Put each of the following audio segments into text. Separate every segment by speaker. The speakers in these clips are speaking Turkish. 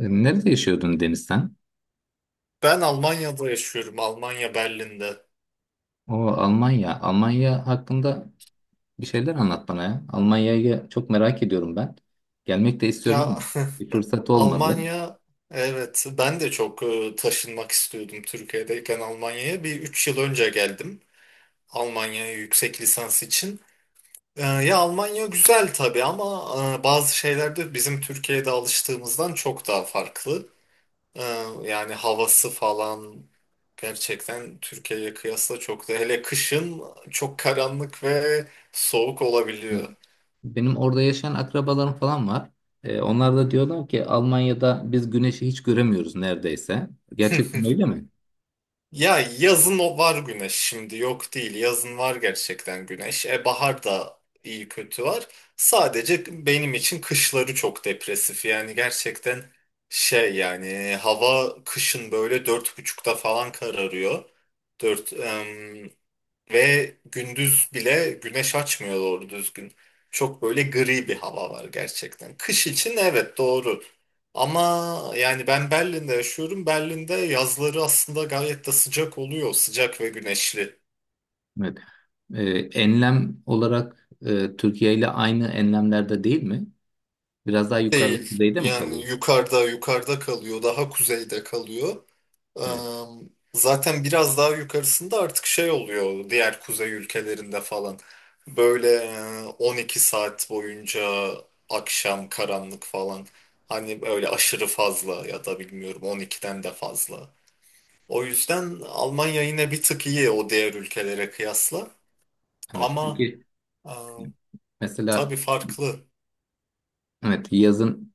Speaker 1: Nerede yaşıyordun Deniz sen?
Speaker 2: Ben Almanya'da yaşıyorum. Almanya Berlin'de.
Speaker 1: O Almanya. Almanya hakkında bir şeyler anlat bana ya. Almanya'yı çok merak ediyorum ben. Gelmek de istiyorum ama
Speaker 2: Ya
Speaker 1: bir fırsat olmadı.
Speaker 2: Almanya, evet ben de çok taşınmak istiyordum Türkiye'deyken Almanya'ya. Üç yıl önce geldim Almanya'ya yüksek lisans için. Ya Almanya güzel tabii ama bazı şeyler de bizim Türkiye'de alıştığımızdan çok daha farklı. E, Yani havası falan gerçekten Türkiye'ye kıyasla çok da, hele kışın, çok karanlık ve soğuk
Speaker 1: Evet.
Speaker 2: olabiliyor.
Speaker 1: Benim orada yaşayan akrabalarım falan var. Onlar da diyorlar ki Almanya'da biz güneşi hiç göremiyoruz neredeyse. Gerçekten öyle mi?
Speaker 2: Ya yazın o var, güneş şimdi yok değil. Yazın var gerçekten güneş. E bahar da iyi kötü var. Sadece benim için kışları çok depresif. Yani gerçekten şey, yani hava kışın böyle 4.30'da falan kararıyor. 4. Ve gündüz bile güneş açmıyor doğru düzgün. Çok böyle gri bir hava var gerçekten. Kış için evet, doğru. Ama yani ben Berlin'de yaşıyorum. Berlin'de yazları aslında gayet de sıcak oluyor. Sıcak ve güneşli.
Speaker 1: Evet. E, Enlem olarak Türkiye ile aynı enlemlerde değil mi? Biraz daha yukarıda
Speaker 2: Değil.
Speaker 1: kuzeyde mi
Speaker 2: Yani
Speaker 1: kalıyor?
Speaker 2: yukarıda kalıyor. Daha kuzeyde kalıyor. Eee,
Speaker 1: Evet.
Speaker 2: Zaten biraz daha yukarısında artık şey oluyor, diğer kuzey ülkelerinde falan. Böyle 12 saat boyunca akşam karanlık falan. Hani öyle aşırı fazla, ya da bilmiyorum, 12'den de fazla. O yüzden Almanya yine bir tık iyi o diğer ülkelere kıyasla.
Speaker 1: Evet.
Speaker 2: Ama
Speaker 1: Peki
Speaker 2: eee
Speaker 1: mesela
Speaker 2: tabii farklı.
Speaker 1: evet, yazın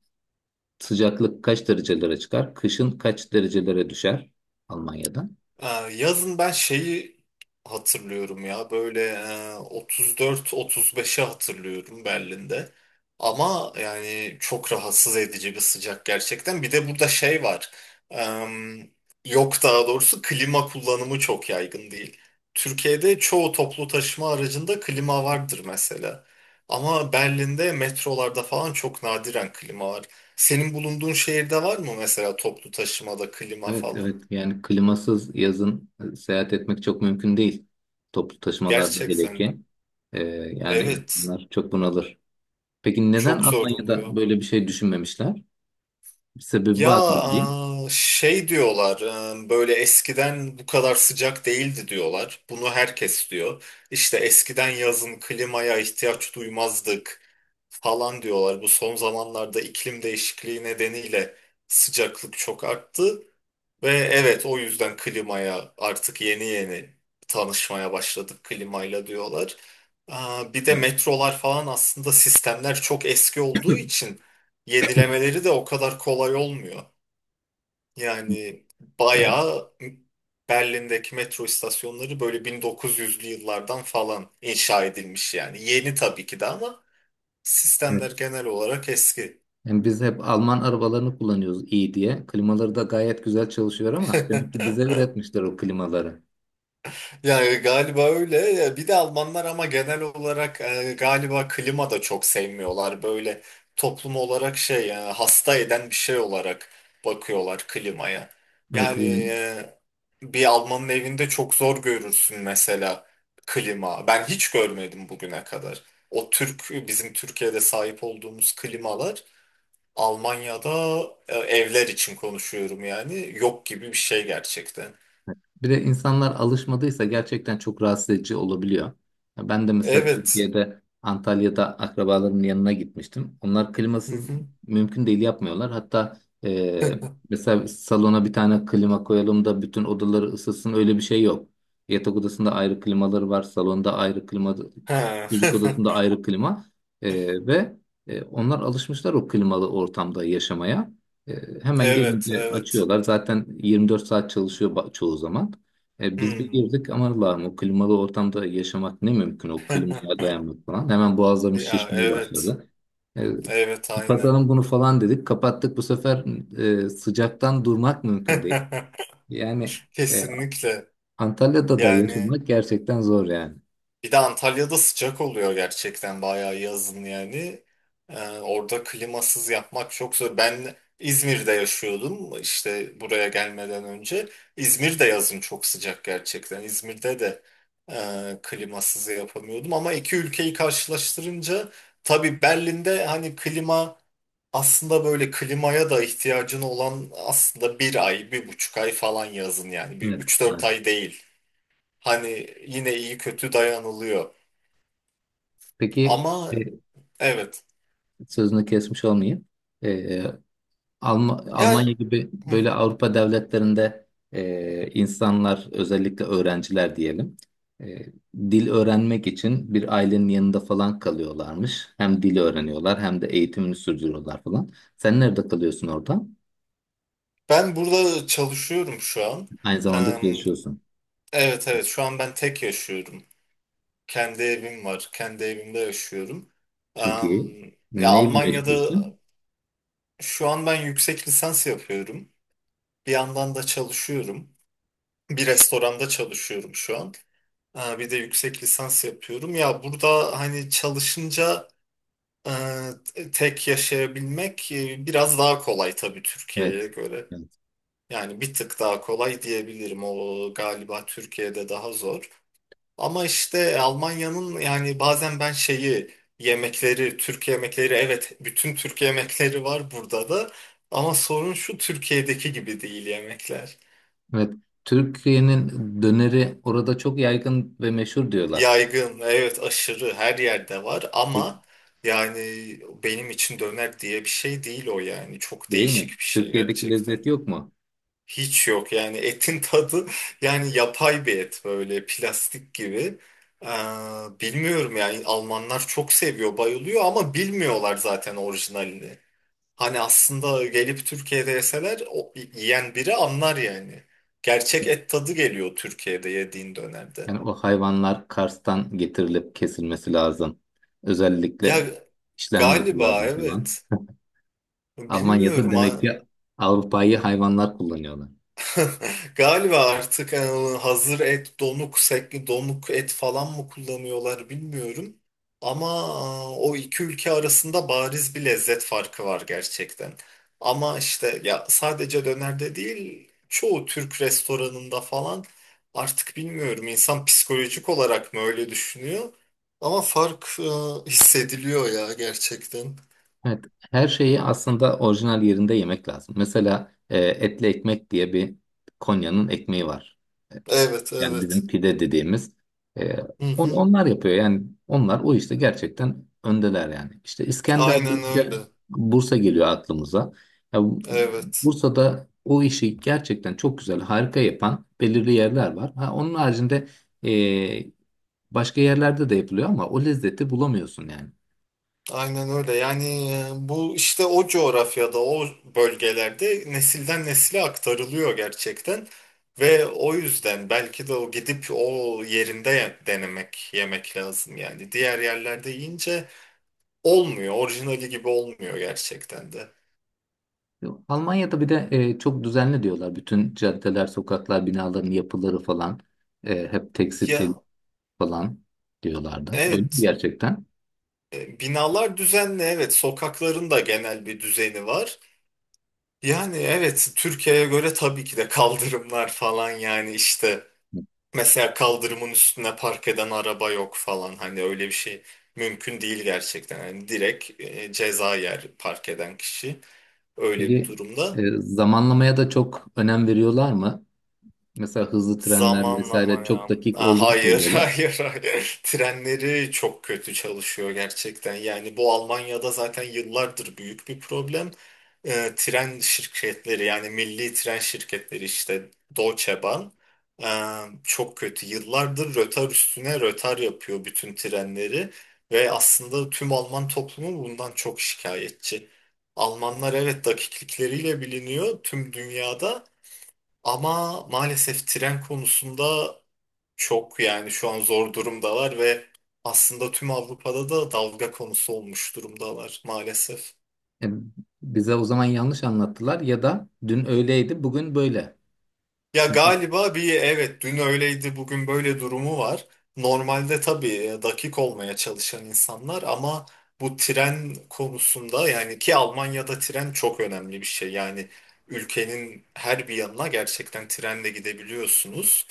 Speaker 1: sıcaklık kaç derecelere çıkar? Kışın kaç derecelere düşer Almanya'da?
Speaker 2: Ee, Yazın ben şeyi hatırlıyorum ya, böyle 34-35'i hatırlıyorum Berlin'de. Ama yani çok rahatsız edici bir sıcak gerçekten. Bir de burada şey var. Em, Yok, daha doğrusu klima kullanımı çok yaygın değil. Türkiye'de çoğu toplu taşıma aracında klima vardır mesela. Ama Berlin'de metrolarda falan çok nadiren klima var. Senin bulunduğun şehirde var mı mesela, toplu taşımada klima
Speaker 1: Evet,
Speaker 2: falan?
Speaker 1: evet. Yani klimasız yazın seyahat etmek çok mümkün değil. Toplu taşımalarda hele
Speaker 2: Gerçekten.
Speaker 1: ki. Ee, Yani
Speaker 2: Evet,
Speaker 1: insanlar çok bunalır. Peki neden
Speaker 2: çok zor
Speaker 1: Almanya'da
Speaker 2: oluyor.
Speaker 1: böyle bir şey düşünmemişler? Bir sebebi
Speaker 2: Ya
Speaker 1: var mı değil?
Speaker 2: şey diyorlar, böyle eskiden bu kadar sıcak değildi diyorlar. Bunu herkes diyor. İşte eskiden yazın klimaya ihtiyaç duymazdık falan diyorlar. Bu son zamanlarda iklim değişikliği nedeniyle sıcaklık çok arttı. Ve evet, o yüzden klimaya artık yeni yeni tanışmaya başladık klimayla diyorlar. Bir de
Speaker 1: Evet.
Speaker 2: metrolar falan, aslında sistemler çok eski olduğu için yenilemeleri de o kadar kolay olmuyor. Yani
Speaker 1: Evet.
Speaker 2: bayağı Berlin'deki metro istasyonları böyle 1900'lü yıllardan falan inşa edilmiş yani. Yeni tabii ki de ama sistemler genel olarak eski.
Speaker 1: Yani biz hep Alman arabalarını kullanıyoruz iyi diye. Klimaları da gayet güzel çalışıyor ama demek ki bize üretmişler o klimaları.
Speaker 2: Ya galiba öyle. Ya bir de Almanlar ama genel olarak galiba klima da çok sevmiyorlar. Böyle toplum olarak şey, ya hasta eden bir şey olarak bakıyorlar klimaya.
Speaker 1: Evet
Speaker 2: Yani
Speaker 1: yani,
Speaker 2: bir Almanın evinde çok zor görürsün mesela klima. Ben hiç görmedim bugüne kadar. O Türk, bizim Türkiye'de sahip olduğumuz klimalar Almanya'da, evler için konuşuyorum yani, yok gibi bir şey gerçekten.
Speaker 1: bir de insanlar alışmadıysa gerçekten çok rahatsız edici olabiliyor. Ya ben de mesela
Speaker 2: Evet.
Speaker 1: Türkiye'de Antalya'da akrabalarımın yanına gitmiştim. Onlar
Speaker 2: Hı
Speaker 1: klimasız
Speaker 2: hı.
Speaker 1: mümkün değil yapmıyorlar. Hatta e, mesela salona bir tane klima koyalım da bütün odaları ısıtsın öyle bir şey yok. Yatak odasında ayrı klimaları var, salonda ayrı klima,
Speaker 2: Ha.
Speaker 1: çocuk odasında ayrı klima. E, ve Onlar alışmışlar o klimalı ortamda yaşamaya. E, Hemen
Speaker 2: Evet,
Speaker 1: gelince
Speaker 2: evet.
Speaker 1: açıyorlar. Zaten 24 saat çalışıyor çoğu zaman. Biz bir
Speaker 2: Hmm.
Speaker 1: girdik aman Allah'ım, o klimalı ortamda yaşamak ne mümkün, o klimaya dayanmak falan. Hemen boğazlarımız
Speaker 2: Ya
Speaker 1: şişmeye
Speaker 2: evet.
Speaker 1: başladı. E,
Speaker 2: Evet, aynen.
Speaker 1: Kapatalım bunu falan dedik. Kapattık, bu sefer sıcaktan durmak mümkün değil. Yani e,
Speaker 2: Kesinlikle.
Speaker 1: Antalya'da da
Speaker 2: Yani
Speaker 1: yaşamak gerçekten zor yani.
Speaker 2: bir de Antalya'da sıcak oluyor gerçekten bayağı yazın yani. Orada klimasız yapmak çok zor. Ben İzmir'de yaşıyordum işte buraya gelmeden önce. İzmir'de yazın çok sıcak gerçekten. İzmir'de de klimasız yapamıyordum, ama iki ülkeyi karşılaştırınca tabii Berlin'de hani klima, aslında böyle klimaya da ihtiyacın olan aslında bir ay, bir buçuk ay falan yazın yani. Bir
Speaker 1: Evet,
Speaker 2: üç dört
Speaker 1: evet.
Speaker 2: ay değil. Hani yine iyi kötü dayanılıyor.
Speaker 1: Peki
Speaker 2: Ama
Speaker 1: e,
Speaker 2: evet.
Speaker 1: sözünü kesmiş olmayayım. E,
Speaker 2: Ya
Speaker 1: Almanya gibi
Speaker 2: hı,
Speaker 1: böyle Avrupa devletlerinde insanlar, özellikle öğrenciler diyelim, e, dil öğrenmek için bir ailenin yanında falan kalıyorlarmış. Hem dil öğreniyorlar hem de eğitimini sürdürüyorlar falan. Sen nerede kalıyorsun orada?
Speaker 2: ben burada çalışıyorum şu an.
Speaker 1: Aynı zamanda
Speaker 2: Eee,
Speaker 1: çalışıyorsun.
Speaker 2: evet evet, şu an ben tek yaşıyorum. Kendi evim var. Kendi evimde yaşıyorum.
Speaker 1: Çok
Speaker 2: Eee,
Speaker 1: iyi.
Speaker 2: Ya
Speaker 1: Neyle
Speaker 2: Almanya'da
Speaker 1: meşgulsün?
Speaker 2: şu an ben yüksek lisans yapıyorum. Bir yandan da çalışıyorum. Bir restoranda çalışıyorum şu an. Bir de yüksek lisans yapıyorum. Ya burada hani çalışınca e, tek yaşayabilmek biraz daha kolay tabii Türkiye'ye
Speaker 1: Evet.
Speaker 2: göre.
Speaker 1: Evet.
Speaker 2: Yani bir tık daha kolay diyebilirim. O galiba Türkiye'de daha zor. Ama işte Almanya'nın, yani bazen ben şeyi, yemekleri, Türk yemekleri, evet bütün Türk yemekleri var burada da. Ama sorun şu, Türkiye'deki gibi değil yemekler.
Speaker 1: Evet. Türkiye'nin döneri orada çok yaygın ve meşhur diyorlar.
Speaker 2: Yaygın, evet aşırı her yerde var
Speaker 1: De-
Speaker 2: ama yani benim için döner diye bir şey değil o yani. Çok
Speaker 1: Değil
Speaker 2: değişik
Speaker 1: mi?
Speaker 2: bir şey
Speaker 1: Türkiye'deki lezzet
Speaker 2: gerçekten.
Speaker 1: yok mu?
Speaker 2: Hiç yok yani, etin tadı yani yapay bir et, böyle plastik gibi. Ee, Bilmiyorum yani, Almanlar çok seviyor, bayılıyor ama bilmiyorlar zaten orijinalini. Hani aslında gelip Türkiye'de yeseler o, yiyen biri anlar yani. Gerçek et tadı geliyor Türkiye'de yediğin dönerde.
Speaker 1: Yani o hayvanlar Kars'tan getirilip kesilmesi lazım. Özellikle
Speaker 2: Ya
Speaker 1: işlenmesi
Speaker 2: galiba
Speaker 1: lazım falan.
Speaker 2: evet.
Speaker 1: Almanya'da
Speaker 2: Bilmiyorum.
Speaker 1: demek
Speaker 2: Ha.
Speaker 1: ki Avrupa'yı hayvanlar kullanıyorlar.
Speaker 2: Galiba artık hazır et, donuk, sekli, donuk et falan mı kullanıyorlar bilmiyorum. Ama o iki ülke arasında bariz bir lezzet farkı var gerçekten. Ama işte ya sadece dönerde değil, çoğu Türk restoranında falan, artık bilmiyorum, insan psikolojik olarak mı öyle düşünüyor? Ama fark hissediliyor ya gerçekten.
Speaker 1: Evet, her şeyi aslında orijinal yerinde yemek lazım. Mesela etli ekmek diye bir, Konya'nın ekmeği var.
Speaker 2: Evet,
Speaker 1: Yani
Speaker 2: evet.
Speaker 1: bizim pide dediğimiz, e,
Speaker 2: Hı hı.
Speaker 1: onlar yapıyor. Yani onlar o işte gerçekten öndeler yani. İşte İskender
Speaker 2: Aynen öyle.
Speaker 1: deyince Bursa geliyor aklımıza. Ya,
Speaker 2: Evet.
Speaker 1: Bursa'da o işi gerçekten çok güzel, harika yapan belirli yerler var. Ha, onun haricinde e, başka yerlerde de yapılıyor ama o lezzeti bulamıyorsun yani.
Speaker 2: Aynen öyle. Yani bu işte o coğrafyada, o bölgelerde nesilden nesile aktarılıyor gerçekten. Ve o yüzden belki de o gidip o yerinde denemek, yemek lazım yani. Diğer yerlerde yiyince olmuyor, orijinali gibi olmuyor gerçekten de.
Speaker 1: Yok. Almanya'da bir de çok düzenli diyorlar. Bütün caddeler, sokaklar, binaların yapıları falan hep tekstil
Speaker 2: Ya
Speaker 1: falan diyorlardı. Öyle mi
Speaker 2: evet,
Speaker 1: gerçekten?
Speaker 2: binalar düzenli, evet, sokakların da genel bir düzeni var. Yani evet, Türkiye'ye göre tabii ki de kaldırımlar falan yani işte. Mesela kaldırımın üstüne park eden araba yok falan. Hani öyle bir şey mümkün değil gerçekten. Yani direkt ceza yer park eden kişi öyle bir
Speaker 1: Peki
Speaker 2: durumda.
Speaker 1: zamanlamaya da çok önem veriyorlar mı? Mesela hızlı trenler
Speaker 2: Zamanlama
Speaker 1: vesaire çok
Speaker 2: ya.
Speaker 1: dakik olduğunu
Speaker 2: Hayır,
Speaker 1: söylüyorlar.
Speaker 2: hayır, hayır. Trenleri çok kötü çalışıyor gerçekten. Yani bu Almanya'da zaten yıllardır büyük bir problem. Tren şirketleri, yani milli tren şirketleri, işte Deutsche Bahn, ee, çok kötü. Yıllardır rötar üstüne rötar yapıyor bütün trenleri ve aslında tüm Alman toplumu bundan çok şikayetçi. Almanlar evet dakiklikleriyle biliniyor tüm dünyada ama maalesef tren konusunda çok, yani şu an zor durumdalar ve aslında tüm Avrupa'da da dalga konusu olmuş durumdalar maalesef.
Speaker 1: E, Bize o zaman yanlış anlattılar ya da dün öyleydi, bugün böyle.
Speaker 2: Ya
Speaker 1: Çünkü
Speaker 2: galiba bir, evet, dün öyleydi bugün böyle durumu var. Normalde tabii dakik olmaya çalışan insanlar ama bu tren konusunda, yani ki Almanya'da tren çok önemli bir şey. Yani ülkenin her bir yanına gerçekten trenle gidebiliyorsunuz.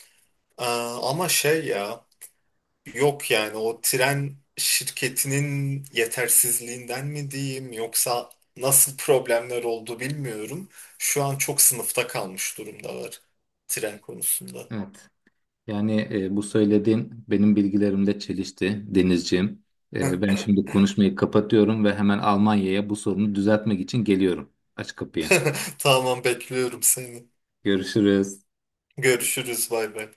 Speaker 2: Ama şey ya, yok yani, o tren şirketinin yetersizliğinden mi diyeyim yoksa nasıl problemler oldu bilmiyorum. Şu an çok sınıfta kalmış durumdalar tren konusunda.
Speaker 1: evet yani, bu söylediğin benim bilgilerimle çelişti Denizciğim. Ben şimdi konuşmayı kapatıyorum ve hemen Almanya'ya bu sorunu düzeltmek için geliyorum. Aç kapıyı.
Speaker 2: Tamam, bekliyorum seni.
Speaker 1: Görüşürüz.
Speaker 2: Görüşürüz, bay bay.